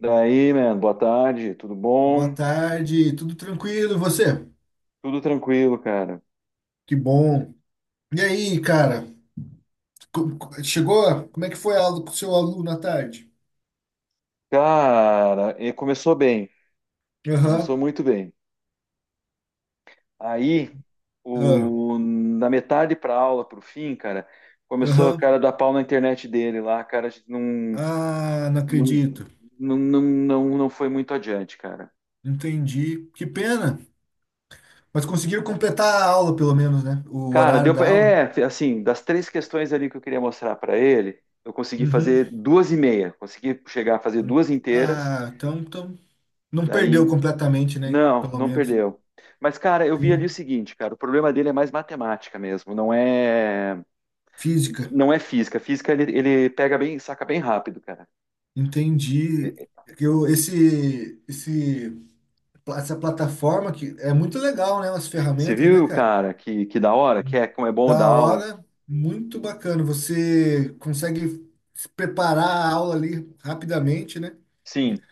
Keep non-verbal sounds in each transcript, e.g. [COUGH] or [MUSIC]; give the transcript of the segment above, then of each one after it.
Daí, mano, boa tarde, tudo Boa bom? tarde, tudo tranquilo, e você? Tudo tranquilo, cara. Que bom. E aí, cara? Chegou? Como é que foi a aula com o seu aluno à tarde? Cara, e começou bem, Aham, começou muito bem. Aí, ah, o, da metade pra aula, pro fim, cara, começou o aham. cara a dar pau na internet dele lá, cara, a gente não, Ah, não não, acredito. não, não, não foi muito adiante, cara. Entendi. Que pena. Mas conseguiram completar a aula, pelo menos, né? O Cara, horário deu da pra, aula. é, assim, das três questões ali que eu queria mostrar pra ele, eu consegui Uhum. fazer duas e meia, consegui chegar a fazer duas inteiras, Ah, então não perdeu daí. completamente, né? Não, Pelo não menos. perdeu. Mas, cara, eu vi ali o Sim. seguinte, cara, o problema dele é mais matemática mesmo, não é, Física. não é física. Física ele pega bem, saca bem rápido, cara. Entendi. Eu, esse pla- essa plataforma que é muito legal, né? As Você ferramentas, né, viu, cara? cara, que da hora, que Hum. é como é bom dar Da aula? hora, muito bacana. Você consegue se preparar a aula ali rapidamente, né? Sim,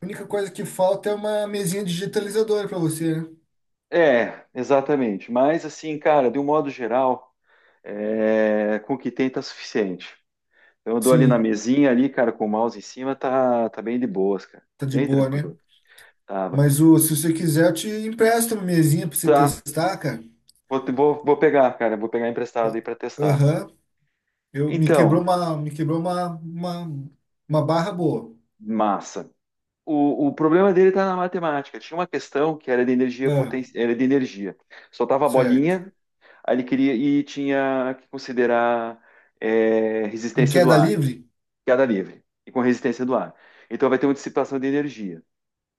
A única coisa que falta é uma mesinha digitalizadora para você, né? é, exatamente. Mas, assim, cara, de um modo geral, é, com o que tem tá suficiente. Então, eu dou ali na Sim, mesinha ali, cara, com o mouse em cima, tá, tá bem de boas, cara. tá de Bem boa, né? tranquilo. Tava. Se você quiser, eu te empresto uma mesinha para você Tá, testar, cara. vou pegar, cara, vou pegar emprestado aí pra testar. Aham. Eu me quebrou Então, uma, me quebrou uma, uma, uma barra boa. massa. O problema dele está na matemática. Tinha uma questão que era de energia Ah, potencial, era de energia. Soltava a certo. bolinha, aí ele queria e tinha que considerar Em resistência do queda ar, livre? queda livre, e com resistência do ar. Então vai ter uma dissipação de energia.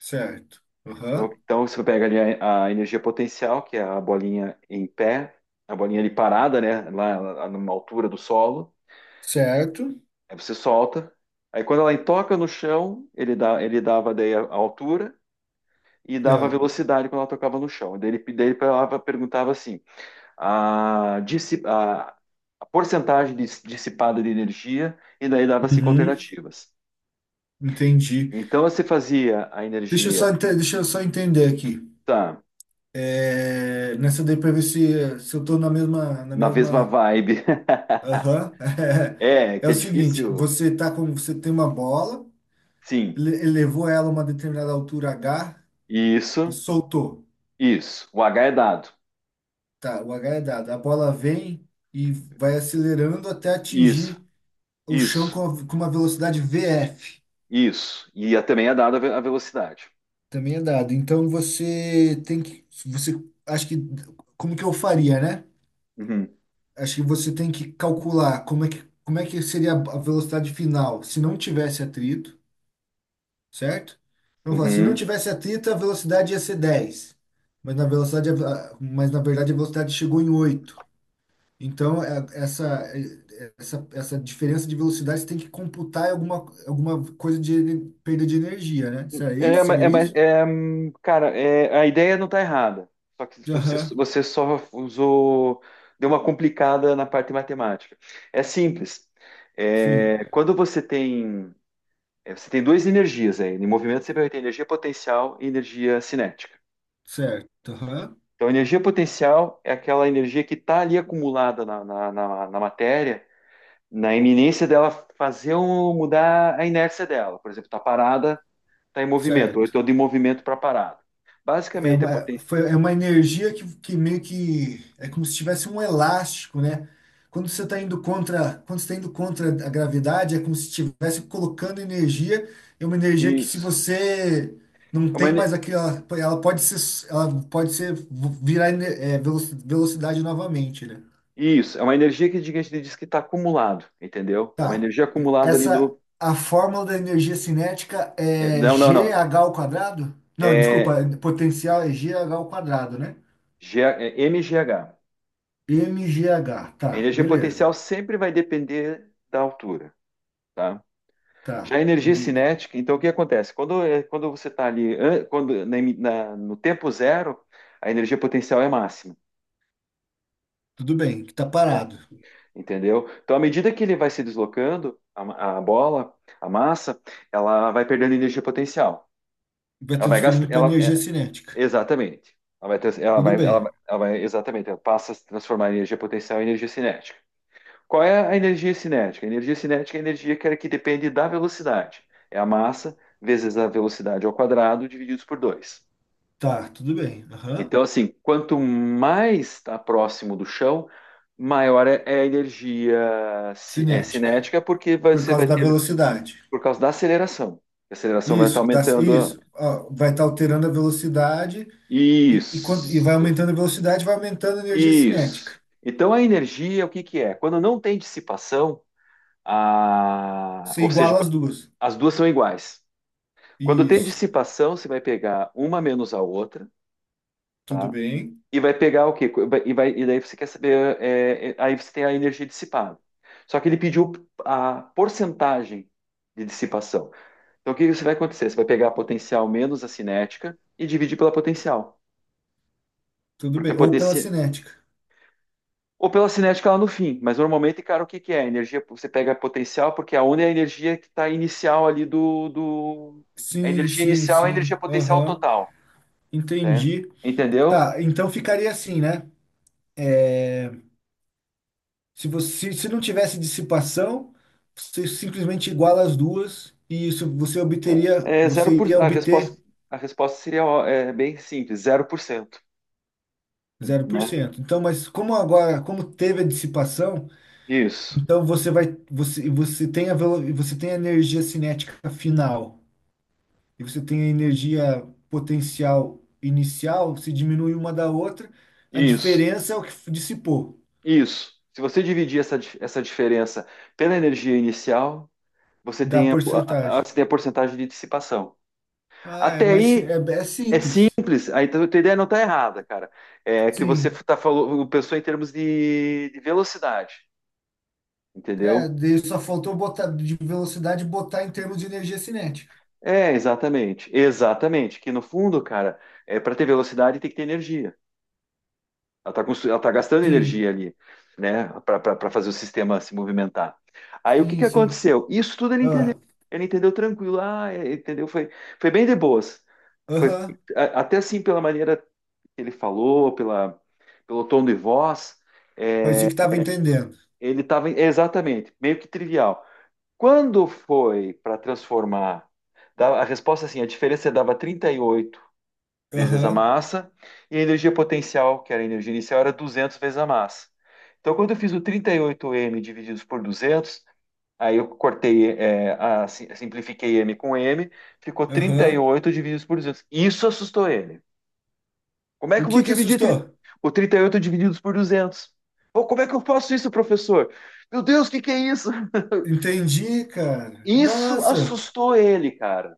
Certo. Então, Aham. então você pega ali a energia potencial, que é a bolinha em pé, a bolinha ali parada, né, lá numa altura do solo, Certo? aí você solta. Aí quando ela toca no chão, ele dava daí a altura, e dava Ah, velocidade quando ela tocava no chão. Daí ele perguntava assim: a, dissi- a- a porcentagem dissipada de energia, e daí dava cinco uhum, alternativas. entendi. Então você fazia a Deixa eu energia. só, ente- deixa eu só entender aqui. Tá, É, nessa daí, para ver se eu tô na mesma, na na mesma mesma. vibe. [LAUGHS] Aham. [LAUGHS] É, É, que é o seguinte, difícil. Você tem uma bola, Sim, ele elevou ela a uma determinada altura H e isso, soltou. isso. O H é dado. Tá, o H é dado. A bola vem e vai acelerando até Isso, atingir o chão isso, com uma velocidade VF. isso. E também é dado a a velocidade. Também é dado. Então, você tem que, você, acho que, como que eu faria, né? Uhum, Acho que você tem que calcular como é que seria a velocidade final se não tivesse atrito, certo? Então, fala, se não uhum. tivesse atrito, a velocidade ia ser 10, mas na verdade a velocidade chegou em oito. Então, essa diferença de velocidade você tem que computar em alguma coisa de perda de energia, né? Será É, isso? Seria é, mas, isso? é, cara, é, a ideia não tá errada. Só que você, Aham. você só usou, deu uma complicada na parte matemática. É simples. Sim. É, quando você tem, é, você tem duas energias aí. Em movimento você vai ter energia potencial e energia cinética. Certo, aham, Então, a energia potencial é aquela energia que está ali acumulada na matéria, na iminência dela fazer mudar a inércia dela. Por exemplo, está parada. Está em movimento, ou certo. então de movimento para parado. É Basicamente, é uma, potência. foi, é uma energia que meio que é como se tivesse um elástico, né? Quando você tá indo contra a gravidade, é como se estivesse colocando energia. É uma energia que, se Isso. você não É uma, tem mais ener- aquela, ela pode ser virar velocidade novamente, né? isso, é uma energia que a gente diz que está acumulado, entendeu? É uma Tá. energia acumulada ali Essa, do. a fórmula da energia cinética É, é não, não, g não. h ao quadrado? Não, É, desculpa, potencial é g h ao quadrado, né? G, é MGH. m g h, A tá, energia beleza. potencial sempre vai depender da altura, tá? Já Tá, a E energia De- cinética, então o que acontece? Quando você está ali, no tempo zero, a energia potencial é máxima. Tudo bem, que tá Tá? parado. Entendeu? Então, à medida que ele vai se deslocando, a bola, a massa, ela vai perdendo energia potencial. Vai Ela vai gastar, transferindo para energia cinética. exatamente. Ela vai, trans- ela Tudo vai, ela, vai- bem, ela vai, exatamente, ela passa a se transformar em energia potencial em energia cinética. Qual é a energia cinética? A energia cinética é a energia que depende da velocidade. É a massa vezes a velocidade ao quadrado divididos por 2. tá, tudo bem. Aham. Então, assim, quanto mais está próximo do chão, maior é a energia Cinética, cinética, porque por você causa vai da ter, velocidade. por causa da aceleração. A aceleração vai estar Isso, aumentando. isso. Ó, vai estar alterando a velocidade e vai Isso, aumentando a velocidade, vai aumentando a energia isso. cinética. Então, a energia, o que que é? Quando não tem dissipação, Você ou seja, iguala as duas. as duas são iguais. Quando tem Isso, dissipação, você vai pegar uma menos a outra, tudo tá? bem, E vai pegar o quê? E daí você quer saber. Aí você tem a energia dissipada. Só que ele pediu a porcentagem de dissipação. Então o que você vai acontecer? Você vai pegar a potencial menos a cinética e dividir pela potencial. tudo Porque a bem. Ou pela potencial. cinética. Ou pela cinética lá no fim. Mas normalmente, cara, o que que é? A energia, você pega a potencial, porque a onda é a energia que está inicial ali do. A Sim, energia sim, inicial é a energia sim. potencial Aham, total. Né? entendi. Entendeu? Tá, então ficaria assim, né? Se não tivesse dissipação, você simplesmente iguala as duas e isso você ia A resposta, obter a resposta seria ó, é bem simples, zero por cento, zero por né? cento. Então, mas como teve a dissipação, Isso, então você tem a energia cinética final. E você tem a energia potencial inicial, se diminui uma da outra, a isso, diferença é o que dissipou, isso. Se você dividir essa diferença pela energia inicial, da porcentagem. você tem a porcentagem de dissipação. Ah, é, Até mas si- é, aí é é simples. simples, aí tá, a tua ideia não está errada, cara. É que você Sim. tá falou, pensou em termos de velocidade, É, entendeu? daí só faltou botar de velocidade, botar em termos de energia cinética. É, exatamente, exatamente. Que no fundo, cara, é, para ter velocidade tem que ter energia. Ela tá gastando energia Sim, ali, né, para fazer o sistema se movimentar. Aí o que sim, que sim. aconteceu? Isso tudo ele entendeu. Ah, Ele entendeu tranquilo, entendeu? Foi bem de boas. Foi, aham. Até assim, pela maneira que ele falou, pelo tom de voz, Parecia que estava entendendo. ele estava exatamente, meio que trivial. Quando foi para transformar, a resposta é assim, a diferença dava 38 vezes a Aham, massa, e a energia potencial, que era a energia inicial, era 200 vezes a massa. Então, quando eu fiz o 38M divididos por 200, aí eu cortei, simplifiquei M com M, ficou aham. 38 divididos por 200. Isso assustou ele. Como é que O eu vou que que dividir assustou? O 38 divididos por 200? Ou como é que eu faço isso, professor? Meu Deus, o que que é isso? [LAUGHS] Entendi, cara. Isso Nossa, assustou ele, cara.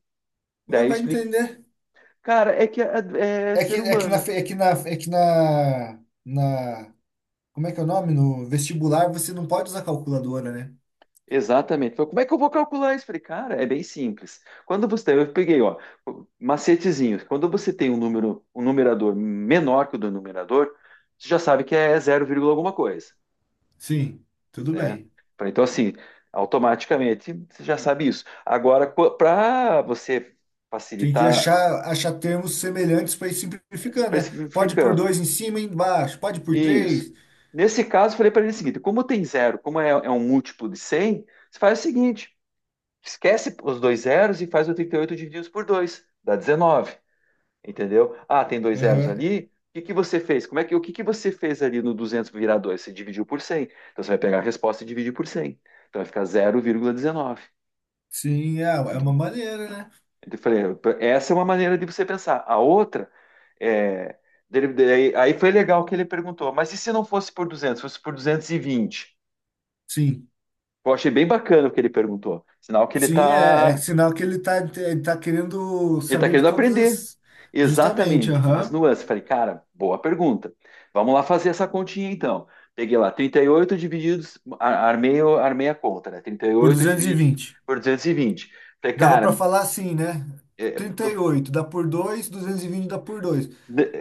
vai Daí eu vai explico. entender. Cara, é que é É que, ser é que na, humano. fe- é que na, é que na, na, como é que é o nome? No vestibular você não pode usar calculadora, né? Exatamente. Falei, como é que eu vou calcular isso? Falei, cara, é bem simples. Quando você tem, eu peguei, ó, macetezinhos. Quando você tem um número, um numerador menor que o do numerador, você já sabe que é zero vírgula alguma coisa, Sim, tudo né? bem. Falei, então, assim, automaticamente você já sabe isso. Agora, para você Tem que facilitar, achar termos semelhantes para ir simplificando, né? Pode por especificando, dois em cima e embaixo, pode por isso. três. Nesse caso, eu falei para ele o seguinte: como tem zero, como é um múltiplo de cem, você faz o seguinte. Esquece os dois zeros e faz o 38 divididos por 2 dá 19, entendeu? Ah, tem dois zeros Aham. ali. O que que você fez? Como é que o que que você fez ali no 200 virar dois. Você dividiu por cem. Então você vai pegar a resposta e dividir por cem. Então vai ficar 0,19. Sim, é uma maneira, né? Então eu falei, essa é uma maneira de você pensar. A outra é aí foi legal que ele perguntou, mas e se não fosse por 200, fosse por 220? Sim. Eu achei bem bacana o que ele perguntou. Sinal que ele Sim, é está sinal que ele tá querendo Ele está saber de querendo todas aprender. as, justamente, Exatamente. As aham, nuances. Falei, cara, boa pergunta. Vamos lá fazer essa continha então. Peguei lá 38, divididos, ar- armei, o- armei a conta, né? por 38 duzentos e dividido vinte por 220. Falei, Dava cara, para falar assim, né? é, trinta eu e oito dá por dois, 220 dá por dois.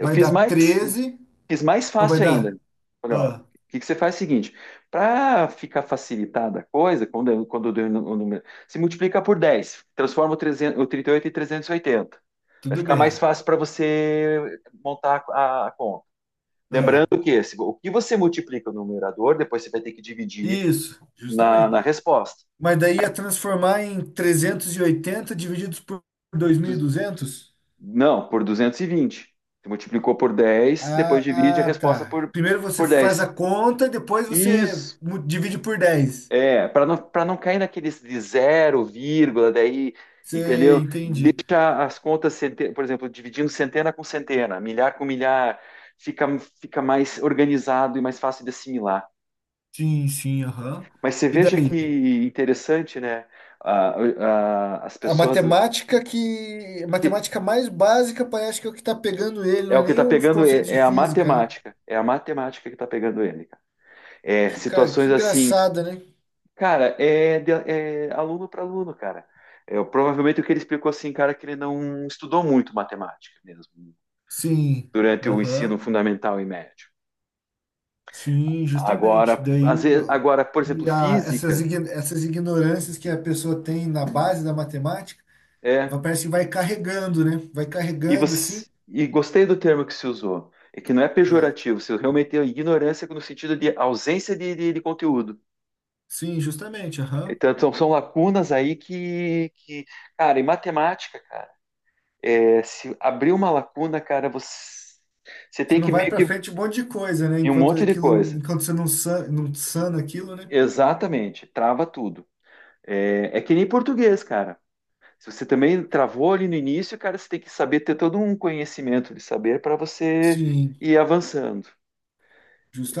eu dar 13, fiz mais não vai fácil ainda. dar? Falei, ó, o Ah, que que você faz é o seguinte, para ficar facilitada a coisa, quando eu dei o o número, se multiplica por 10, transforma o, 300, o 38 em 380. Vai tudo ficar mais bem. fácil para você montar a conta. Ah, Lembrando que esse, o que você multiplica no numerador, depois você vai ter que dividir isso, na, justamente. na resposta. Mas daí ia transformar em 380 divididos por Du- 2.200? não, por 220. Você multiplicou por 10, depois Ah, divide a ah, resposta tá. por, Primeiro você por faz 10. a conta e depois você Isso. Divide por 10. É, para não cair naqueles de zero, vírgula, daí, Você entendeu? entende? Deixa as contas, por exemplo, dividindo centena com centena, milhar com milhar, fica, fica mais organizado e mais fácil de assimilar. Sim, sim, aham. Mas você E veja daí? que interessante, né? A- As A pessoas. matemática que. A que- matemática mais básica parece que é o que tá pegando ele, não É é o que nem está os pegando conceitos ele, de é a física, né? matemática. É a matemática que está pegando ele, cara. É Que situações assim, engraçada, né? cara, é aluno para aluno, cara. É, provavelmente o que ele explicou assim, cara, é que ele não estudou muito matemática mesmo, Sim. durante o ensino Aham. fundamental e médio. Sim, justamente. Agora, às Daí. vezes, agora, por exemplo, E a- essas, física. ign- essas ignorâncias que a pessoa tem na base da matemática, É, parece que vai carregando, né? Vai E carregando assim. você e gostei do termo que se usou. É que não é É. pejorativo, se realmente é ignorância no sentido de ausência de conteúdo. Sim, justamente. Aham. Então, são lacunas aí cara, em matemática, cara, é, se abrir uma lacuna, cara, você Você tem não que vai meio pra que frente um monte de coisa, né? em um Enquanto monte de aquilo, coisa. enquanto você não sana aquilo, né? Exatamente, trava tudo. É, é que nem português, cara. Se você também travou ali no início, cara, você tem que saber ter todo um conhecimento de saber para você Sim. ir avançando.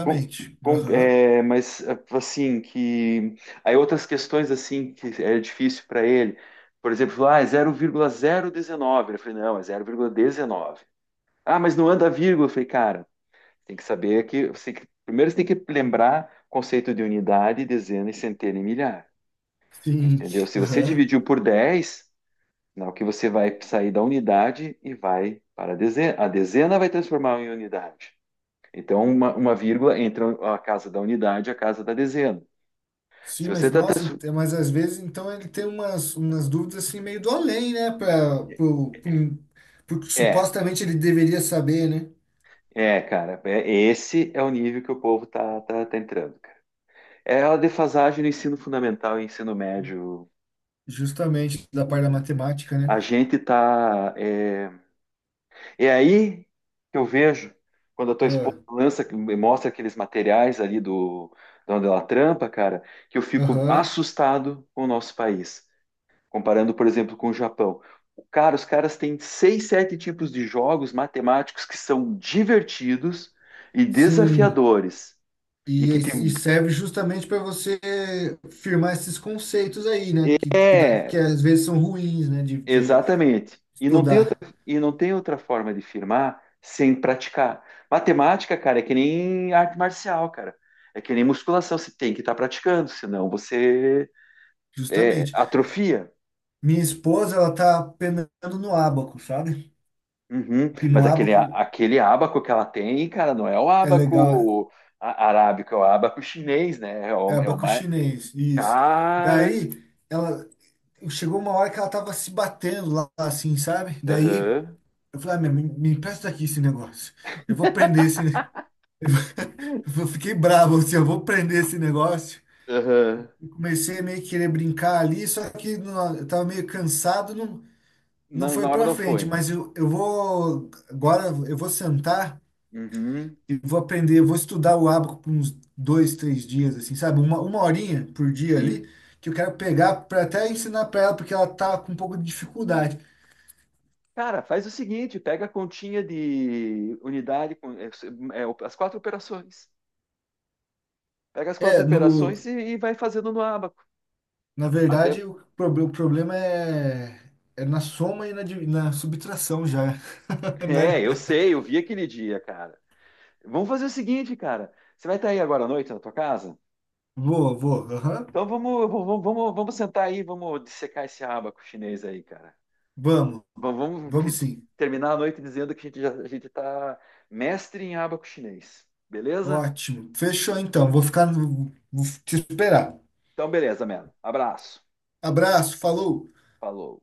Com- Aham. Mas assim que aí outras questões assim que é difícil para ele, por exemplo, ah, é 0,019. Eu falei, não, é 0,19. Ah, mas não anda vírgula. Eu falei, cara, tem que saber que, primeiro você tem que lembrar o conceito de unidade, dezena e centena e milhar, Sim. entendeu? Se você Aham. dividiu por 10, não, que você vai sair da unidade e vai para a dezena. A dezena vai transformar em unidade. Então, uma vírgula entre a casa da unidade e a casa da dezena. Se Sim, você mas está. nossa, mas às vezes então ele tem umas dúvidas assim meio do além, né? Porque É, supostamente ele deveria saber, né? é, cara. Esse é o nível que o povo tá entrando, cara. É a defasagem no ensino fundamental e ensino médio. Justamente da parte da matemática, A né? gente tá. É, é aí que eu vejo quando a tua esposa Ah. lança, mostra aqueles materiais ali de onde ela trampa, cara, que eu fico Aham. assustado com o nosso país. Comparando, por exemplo, com o Japão. Os caras têm seis, sete tipos de jogos matemáticos que são divertidos e Sim. desafiadores. E E, que e tem. serve justamente para você firmar esses conceitos aí, né? Que É, às vezes são ruins, né? De exatamente. Estudar. E não tem outra forma de firmar sem praticar. Matemática, cara, é que nem arte marcial, cara. É que nem musculação, você tem que estar praticando, senão você Justamente. atrofia. Minha esposa, ela tá penando no ábaco, sabe? Uhum. Que Mas no ábaco aquele ábaco que ela tem, cara, não é o é legal, ábaco arábico, é o ábaco chinês, né? É é o, é o ábaco mais. chinês, isso. Cara. Daí ela chegou uma hora que ela tava se batendo lá, assim, sabe? Daí Aham. eu falei, ah, me empresta aqui esse negócio. Eu vou prender esse. [LAUGHS] Eu fiquei bravo, assim, eu vou prender esse negócio. Aham. E comecei a meio que querer brincar ali, só que eu tava meio cansado, não Na foi hora pra não frente, foi. mas eu vou, agora eu vou sentar. Uhum. E vou aprender, vou estudar o ábaco por uns dois, três dias, assim, sabe? Uma horinha por dia Sim. ali, que eu quero pegar para até ensinar para ela, porque ela tá com um pouco de dificuldade. Cara, faz o seguinte: pega a continha de unidade, as quatro operações. Pega as quatro É, no, operações e vai fazendo no ábaco. na Até. verdade, o, [LAUGHS] prob- o problema é, é na, soma e na subtração já, [LAUGHS] né? É, eu sei, eu vi aquele dia, cara. Vamos fazer o seguinte, cara. Você vai estar aí agora à noite na tua casa? Vou, vou, aham. Então vamos sentar aí, vamos dissecar esse abaco chinês aí, cara. Vamos, Vamos, vamos vamos fi- sim. terminar a noite dizendo que a gente tá mestre em abaco chinês. Beleza? Ótimo. Fechou então, vou ficar, vou te esperar. Então, beleza, mano. Abraço. Abraço, falou! Falou.